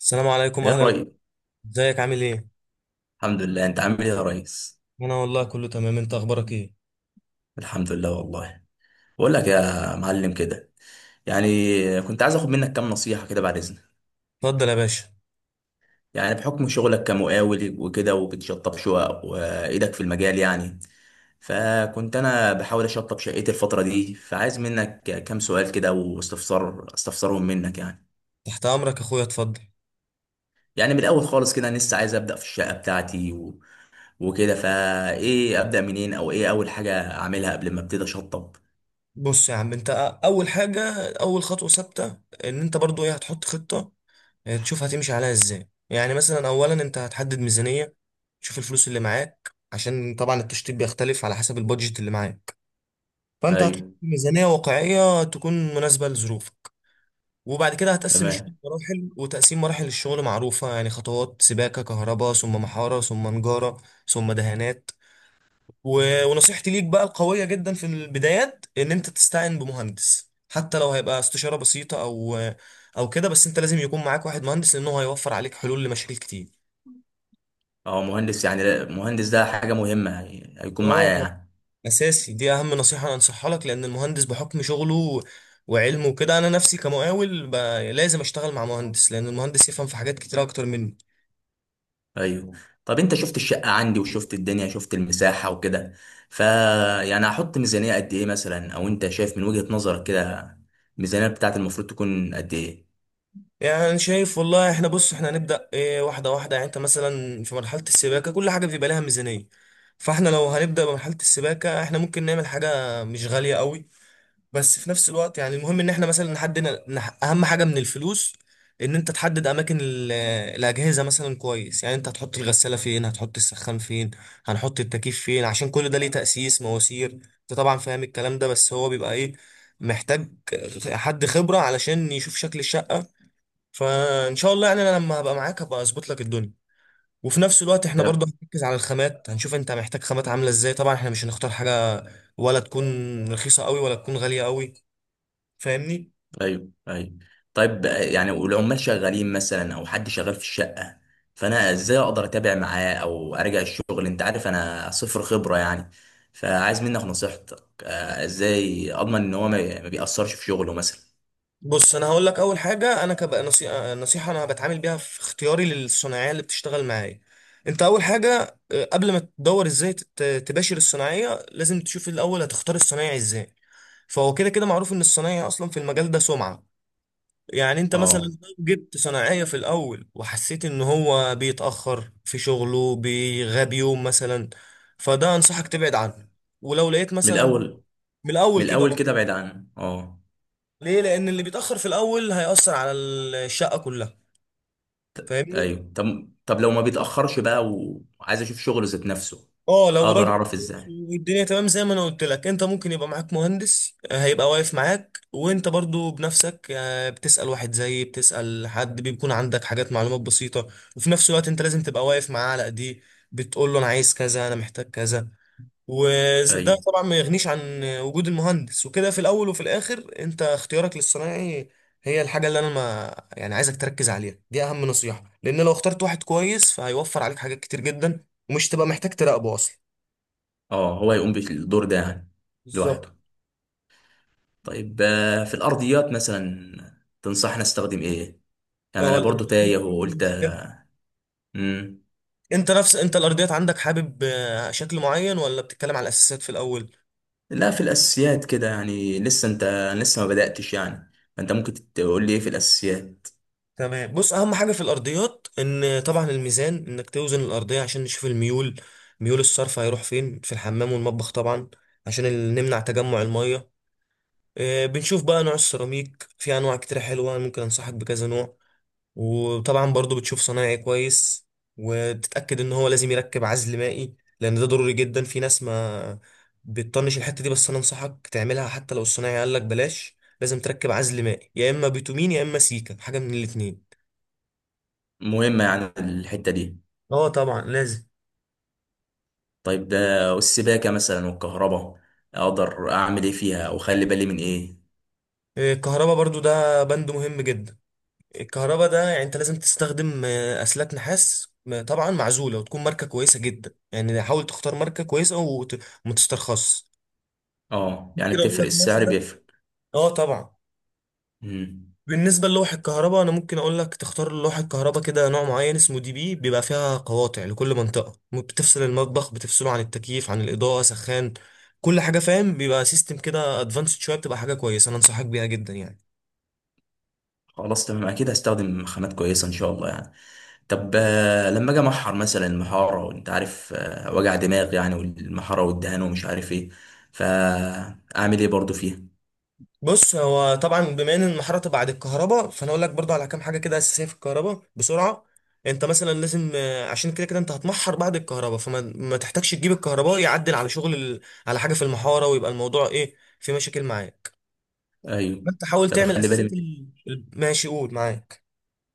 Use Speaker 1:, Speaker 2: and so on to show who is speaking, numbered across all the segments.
Speaker 1: السلام عليكم،
Speaker 2: يا
Speaker 1: اهلا.
Speaker 2: ريس.
Speaker 1: ازيك؟ عامل ايه؟
Speaker 2: الحمد لله، انت عامل ايه يا ريس؟
Speaker 1: انا والله كله تمام. انت اخبارك ايه؟
Speaker 2: الحمد لله والله. بقول لك يا معلم كده، يعني كنت عايز اخد منك كام نصيحة كده بعد اذنك.
Speaker 1: اتفضل يا باشا.
Speaker 2: يعني بحكم شغلك كمقاول وكده، وبتشطب شقق وايدك في المجال يعني. فكنت انا بحاول اشطب شقتي الفترة دي، فعايز منك كام سؤال كده واستفسار استفسرهم منك يعني.
Speaker 1: تحت امرك يا اخويا، اتفضل.
Speaker 2: يعني من الاول خالص كده، انا لسه عايز ابدا في الشقة بتاعتي و... وكده، فايه؟ ابدا منين او ايه اول حاجة اعملها قبل ما ابتدي اشطب؟
Speaker 1: بص يا عم انت، اول حاجه، اول خطوه ثابته ان انت برضو ايه هتحط خطه. اه، تشوف هتمشي عليها ازاي. يعني مثلا اولا انت هتحدد ميزانيه، تشوف الفلوس اللي معاك، عشان طبعا التشطيب بيختلف على حسب البادجت اللي معاك. فانت هتحط
Speaker 2: ايوه.
Speaker 1: ميزانيه واقعيه تكون مناسبه لظروفك. وبعد كده هتقسم
Speaker 2: تمام.
Speaker 1: الشغل مراحل، وتقسيم مراحل الشغل معروفة يعني: خطوات سباكة، كهرباء، ثم محارة، ثم نجارة، ثم دهانات. ونصيحتي ليك بقى القوية جدا في البدايات إن أنت تستعين بمهندس، حتى لو هيبقى استشارة بسيطة أو كده، بس أنت لازم يكون معاك واحد مهندس، لأنه هيوفر عليك حلول لمشاكل كتير.
Speaker 2: اه، مهندس يعني مهندس ده حاجة مهمة يعني هيكون
Speaker 1: اه
Speaker 2: معايا
Speaker 1: طبعا،
Speaker 2: يعني؟
Speaker 1: اساسي، دي اهم نصيحه انا انصحها لك، لان المهندس بحكم شغله وعلمه وكده. انا نفسي كمقاول، لازم اشتغل مع مهندس، لان المهندس يفهم في حاجات كتير اكتر مني.
Speaker 2: ايوه. طب انت شفت الشقة عندي وشفت الدنيا، شفت المساحة وكده، ف يعني هحط ميزانية قد ايه مثلا، او انت شايف من وجهة نظرك كده الميزانية بتاعت المفروض تكون قد ايه؟
Speaker 1: يعني شايف والله. احنا بص، احنا هنبدأ ايه واحدة واحدة. يعني انت مثلا في مرحلة السباكة كل حاجة بيبقى لها ميزانية، فاحنا لو هنبدأ بمرحلة السباكة احنا ممكن نعمل حاجة مش غالية قوي، بس في نفس الوقت يعني المهم ان احنا مثلا نحدد. اهم حاجة من الفلوس ان انت تحدد اماكن الاجهزة مثلا كويس. يعني انت هتحط الغسالة فين، هتحط السخان فين، هنحط التكييف فين، عشان كل ده ليه تأسيس مواسير. انت طبعا فاهم الكلام ده، بس هو بيبقى ايه، محتاج حد خبرة علشان يشوف شكل الشقة. فان شاء الله يعني انا لما هبقى معاك هبقى اظبط لك الدنيا. وفي نفس الوقت احنا برضه هنركز على الخامات، هنشوف انت محتاج خامات عامله ازاي. طبعا احنا مش هنختار حاجه ولا تكون رخيصه قوي ولا تكون غاليه قوي. فاهمني؟
Speaker 2: ايوه، ايوه. طيب يعني والعمال شغالين مثلا او حد شغال في الشقه، فانا ازاي اقدر اتابع معاه او ارجع الشغل؟ انت عارف انا صفر خبره يعني، فعايز منك نصيحتك. ازاي اضمن ان هو ما بيأثرش في شغله مثلا؟
Speaker 1: بص انا هقول لك اول حاجه. انا كبقى نصيحه انا بتعامل بيها في اختياري للصناعيه اللي بتشتغل معايا. انت اول حاجه، اه، قبل ما تدور ازاي تباشر الصناعيه، لازم تشوف الاول هتختار الصنايعي ازاي. فهو كده كده معروف ان الصنايعي اصلا في المجال ده سمعه. يعني انت مثلا
Speaker 2: اه.
Speaker 1: لو جبت صناعية في الاول وحسيت ان هو بيتأخر في شغله، بيغاب يوم مثلا، فده انصحك تبعد عنه. ولو لقيت
Speaker 2: من
Speaker 1: مثلا
Speaker 2: الاول.
Speaker 1: من الاول
Speaker 2: من
Speaker 1: كده،
Speaker 2: الاول
Speaker 1: اه.
Speaker 2: كده بعيد عنه، اه.
Speaker 1: ليه؟ لان اللي بيتأخر في الاول هيأثر على الشقة كلها. فاهمني؟
Speaker 2: ايوه. طب طب لو ما بيتأخرش بقى وعايز اشوف شغله ذات نفسه،
Speaker 1: اه، لو
Speaker 2: اقدر
Speaker 1: راجل
Speaker 2: اعرف
Speaker 1: كويس
Speaker 2: ازاي؟
Speaker 1: والدنيا تمام زي ما انا قلت لك، انت ممكن يبقى معاك مهندس، آه، هيبقى واقف معاك، وانت برضو بنفسك، آه، بتسأل واحد زي بتسأل حد بيكون عندك حاجات معلومات بسيطة. وفي نفس الوقت انت لازم تبقى واقف معاه على ايديه، بتقول له انا عايز كذا، انا محتاج كذا. وده
Speaker 2: ايوه.
Speaker 1: طبعا ما يغنيش عن وجود المهندس وكده. في الاول وفي الاخر انت اختيارك للصنايعي هي الحاجة اللي انا ما يعني عايزك تركز عليها، دي اهم نصيحة، لان لو اخترت واحد كويس فهيوفر عليك حاجات كتير جدا، ومش تبقى محتاج تراقبه اصلا.
Speaker 2: اه، هو يقوم بالدور ده يعني
Speaker 1: بالظبط.
Speaker 2: لوحده. طيب في الارضيات مثلا تنصحنا استخدم ايه؟ يعني
Speaker 1: اه،
Speaker 2: انا برضو
Speaker 1: الارضيات
Speaker 2: تايه
Speaker 1: دي
Speaker 2: وقلت.
Speaker 1: مشكله.
Speaker 2: امم.
Speaker 1: انت نفس انت الارضيات عندك حابب آه، شكل معين، ولا بتتكلم على الاساسات في الاول؟
Speaker 2: لا، في الاساسيات كده يعني، لسه انت، لسه ما بداتش يعني، فانت ممكن تقول لي ايه في الاساسيات.
Speaker 1: تمام. بص اهم حاجه في الارضيات ان طبعا الميزان، انك توزن الارضيه عشان نشوف الميول. ميول الصرف هيروح فين في الحمام والمطبخ طبعا، عشان نمنع تجمع الميه. آه، بنشوف بقى نوع السيراميك، في انواع كتير حلوه ممكن انصحك بكذا نوع. وطبعا برضو بتشوف صنايعي كويس، وتتأكد ان هو لازم يركب عزل مائي، لان ده ضروري جدا. في ناس ما بتطنش الحتة دي، بس انا انصحك تعملها. حتى لو الصنايعي قال لك بلاش، لازم تركب عزل مائي، يا اما بيتومين يا اما سيكا، حاجة من الاتنين.
Speaker 2: مهمه يعني الحته دي؟
Speaker 1: اه طبعا لازم.
Speaker 2: طيب ده. والسباكه مثلا والكهرباء، اقدر اعمل ايه فيها او اخلي بالي من ايه؟
Speaker 1: آه، الكهرباء برضو ده بند مهم جدا. الكهرباء ده يعني انت لازم تستخدم آه، اسلاك نحاس طبعا معزولة، وتكون ماركة كويسة جدا. يعني حاول تختار ماركة كويسة وما تسترخصش.
Speaker 2: اه يعني
Speaker 1: ممكن اقول
Speaker 2: بتفرق؟
Speaker 1: لك
Speaker 2: السعر
Speaker 1: مثلا.
Speaker 2: بيفرق؟
Speaker 1: اه طبعا.
Speaker 2: امم.
Speaker 1: بالنسبة للوح الكهرباء، أنا ممكن أقول لك تختار لوح الكهرباء كده نوع معين اسمه DB، بيبقى فيها قواطع لكل منطقة، بتفصل المطبخ، بتفصله عن التكييف، عن الإضاءة، سخان، كل حاجة، فاهم؟ بيبقى سيستم كده أدفانسد شوية، بتبقى حاجة كويسة، أنا أنصحك بيها جدا يعني.
Speaker 2: خلاص تمام، اكيد هستخدم خامات كويسه ان شاء الله يعني. طب لما اجي محر مثلا المحاره، وانت عارف وجع دماغ يعني، والمحاره والدهان ومش عارف ايه، فاعمل ايه برضو فيها؟
Speaker 1: بص هو طبعا بما إن المحارة تبقى بعد الكهرباء، فأنا أقول لك برضه على كام حاجة كده أساسية في الكهرباء بسرعة. أنت مثلا لازم آه، عشان كده كده أنت هتمحر بعد الكهرباء، فما ما تحتاجش تجيب الكهرباء يعدل على شغل على حاجة في المحارة، ويبقى الموضوع إيه، في مشاكل معاه.
Speaker 2: ايوه.
Speaker 1: ما انت حاول
Speaker 2: طب
Speaker 1: تعمل
Speaker 2: اخلي بالي من
Speaker 1: اساسات
Speaker 2: إيه؟
Speaker 1: ماشي قول معاك.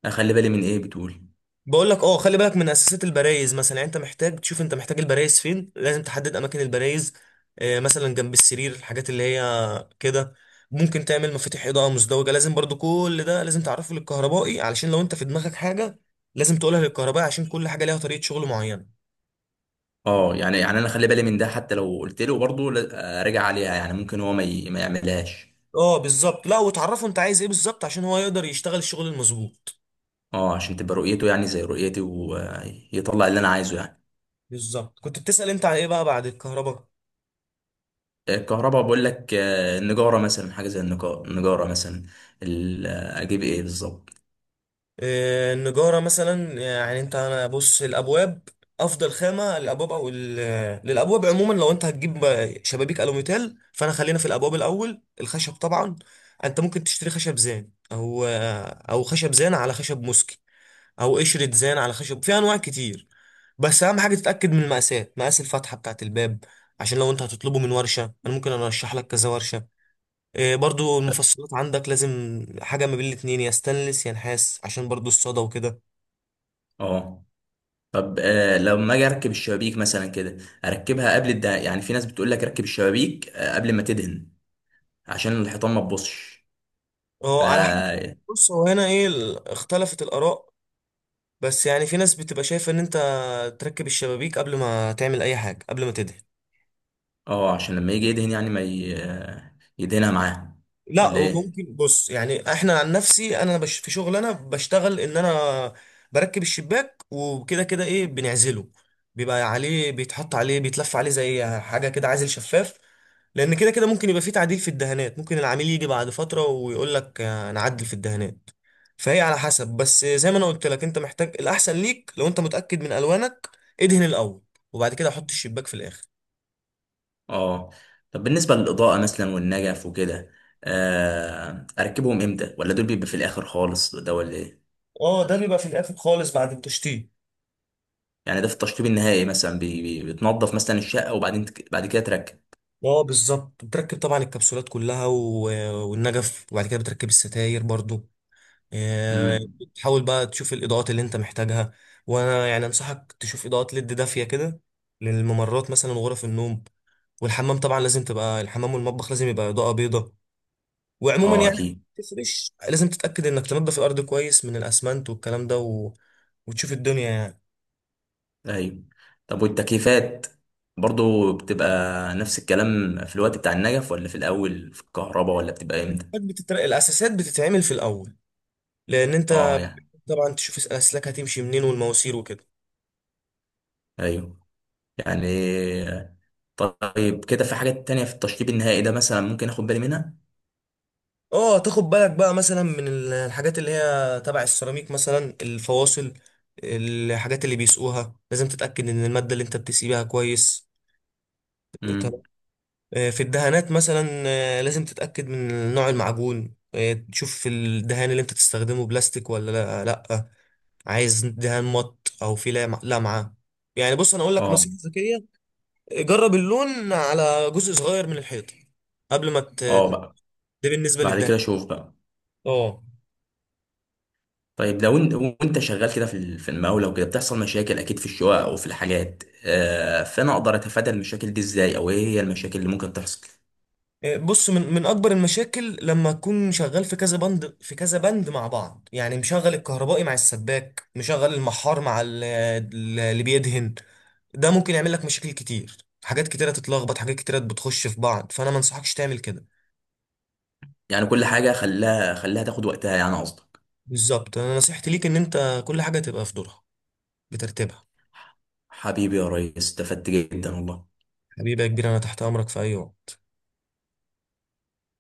Speaker 2: اخلي بالي من ايه بتقول؟
Speaker 1: بقول لك، اه خلي بالك من اساسات البرايز مثلا. يعني انت محتاج تشوف انت محتاج البرايز فين، لازم تحدد اماكن البرايز، آه، مثلا جنب السرير، الحاجات اللي هي كده. ممكن تعمل مفاتيح اضاءه مزدوجه. لازم برضو كل ده لازم تعرفه للكهربائي، علشان لو انت في دماغك حاجه لازم تقولها للكهربائي، عشان كل حاجه ليها طريقه شغل معينه.
Speaker 2: اه، يعني يعني انا اخلي بالي من ده حتى لو قلت له برضه راجع عليها، يعني ممكن هو ما يعملهاش.
Speaker 1: اه بالظبط، لا وتعرفه انت عايز ايه بالظبط عشان هو يقدر يشتغل الشغل المظبوط.
Speaker 2: اه، عشان تبقى رؤيته يعني زي رؤيتي، ويطلع اللي انا عايزه يعني.
Speaker 1: بالظبط. كنت بتسأل انت على ايه بقى بعد الكهرباء.
Speaker 2: الكهرباء، بقول لك النجاره مثلا، حاجه زي النجاره مثلا، اجيب ايه بالظبط؟
Speaker 1: آه، النجارة مثلا. يعني انت انا بص، الابواب، افضل خامة للابواب، او للابواب عموما. لو انت هتجيب شبابيك الوميتال، فانا خلينا في الابواب الاول، الخشب طبعا. انت ممكن تشتري خشب زان، او خشب زان على خشب موسكي، او قشرة زان على خشب، في انواع كتير. بس اهم حاجة تتأكد من المقاسات، مقاس الفتحة بتاعة الباب، عشان لو انت هتطلبه من ورشة انا ممكن ارشح لك كذا ورشة. إيه، برضو المفصلات عندك لازم حاجة ما بين الاتنين، يا ستانلس يا نحاس، عشان برضو الصدى وكده.
Speaker 2: اه. طب آه، لما اجي اركب الشبابيك مثلا كده، يعني في ناس بتقول لك ركب الشبابيك آه قبل ما تدهن، عشان الحيطان ما تبصش. ف
Speaker 1: اه على حسب. بص هو هنا ايه اختلفت الآراء. بس يعني في ناس بتبقى شايفة ان انت تركب الشبابيك قبل ما تعمل اي حاجة، قبل ما تدهن.
Speaker 2: اه، عشان لما يجي يدهن يعني ما ي... آه، يدهنها معاه،
Speaker 1: لا
Speaker 2: ولا ايه؟
Speaker 1: وممكن، بص يعني احنا عن نفسي انا في شغل انا بشتغل ان انا بركب الشباك، وكده كده ايه بنعزله، بيبقى عليه، بيتحط عليه، بيتلف عليه زي حاجه كده عازل شفاف. لان كده كده ممكن يبقى فيه تعديل في الدهانات، ممكن العميل يجي بعد فتره ويقول لك آه، نعدل في الدهانات. فهي على حسب. بس زي ما انا قلت لك، انت محتاج الاحسن ليك. لو انت متاكد من الوانك ادهن الاول، وبعد كده حط الشباك في الاخر.
Speaker 2: اه. طب بالنسبة للإضاءة مثلا والنجف وكده، آه، اركبهم امتى؟ ولا دول بيبقى في الاخر خالص ده، ولا ايه؟
Speaker 1: اه، ده بيبقى في الاخر خالص بعد التشطيب.
Speaker 2: يعني ده في التشطيب النهائي مثلا، بتنظف مثلا الشقة وبعدين بعد كده تركب.
Speaker 1: اه بالظبط، بتركب طبعا الكبسولات كلها والنجف، وبعد كده بتركب الستاير برضو. آه،
Speaker 2: امم.
Speaker 1: تحاول بقى تشوف الاضاءات اللي انت محتاجها. وانا يعني انصحك تشوف اضاءات ليد دافيه كده للممرات مثلا وغرف النوم. والحمام طبعا لازم تبقى، الحمام والمطبخ لازم يبقى اضاءه بيضاء. وعموما
Speaker 2: اه
Speaker 1: يعني
Speaker 2: اكيد.
Speaker 1: تفرش، لازم تتاكد انك تنضف الارض كويس من الاسمنت والكلام ده، وتشوف الدنيا يعني.
Speaker 2: ايوه. طب والتكييفات برضو بتبقى نفس الكلام في الوقت بتاع النجف، ولا في الاول في الكهرباء، ولا بتبقى امتى؟
Speaker 1: الاساسات بتتعمل في الاول، لان انت
Speaker 2: اه يعني.
Speaker 1: طبعا تشوف الاسلاك هتمشي منين والمواسير وكده.
Speaker 2: ايوه يعني. طيب كده في حاجات تانية في التشطيب النهائي ده مثلا ممكن اخد بالي منها؟
Speaker 1: اه، تاخد بالك بقى مثلا من الحاجات اللي هي تبع السيراميك مثلا، الفواصل، الحاجات اللي بيسقوها، لازم تتأكد ان المادة اللي انت بتسيبها كويس. تمام.
Speaker 2: امم.
Speaker 1: آه، في الدهانات مثلا آه، لازم تتأكد من نوع المعجون، آه، تشوف الدهان اللي انت تستخدمه بلاستيك ولا لا لا. عايز دهان مط او في لمعة. يعني بص انا اقول لك
Speaker 2: اه.
Speaker 1: نصيحة ذكية: جرب اللون على جزء صغير من الحيطة قبل ما
Speaker 2: اه بقى.
Speaker 1: ده بالنسبة
Speaker 2: بعد
Speaker 1: للدهان.
Speaker 2: كده شوف بقى.
Speaker 1: اه،
Speaker 2: طيب لو انت وانت شغال كده في المقاولة وكده، بتحصل مشاكل اكيد في الشقق او في الحاجات، آه، فانا اقدر اتفادى المشاكل دي ازاي؟ او ايه هي المشاكل اللي ممكن تحصل؟
Speaker 1: بص من اكبر المشاكل لما تكون شغال في كذا بند في كذا بند مع بعض. يعني مشغل الكهربائي مع السباك، مشغل المحار مع اللي بيدهن، ده ممكن يعمل لك مشاكل كتير، حاجات كتيرة تتلخبط، حاجات كتيرة بتخش في بعض، فانا ما انصحكش تعمل كده.
Speaker 2: يعني كل حاجة خلاها تاخد وقتها يعني قصدي.
Speaker 1: بالظبط. انا نصيحتي ليك ان انت كل حاجة تبقى في دورها، بترتيبها.
Speaker 2: حبيبي يا ريس، استفدت جدا والله.
Speaker 1: حبيبي يا كبير، انا تحت امرك في اي وقت.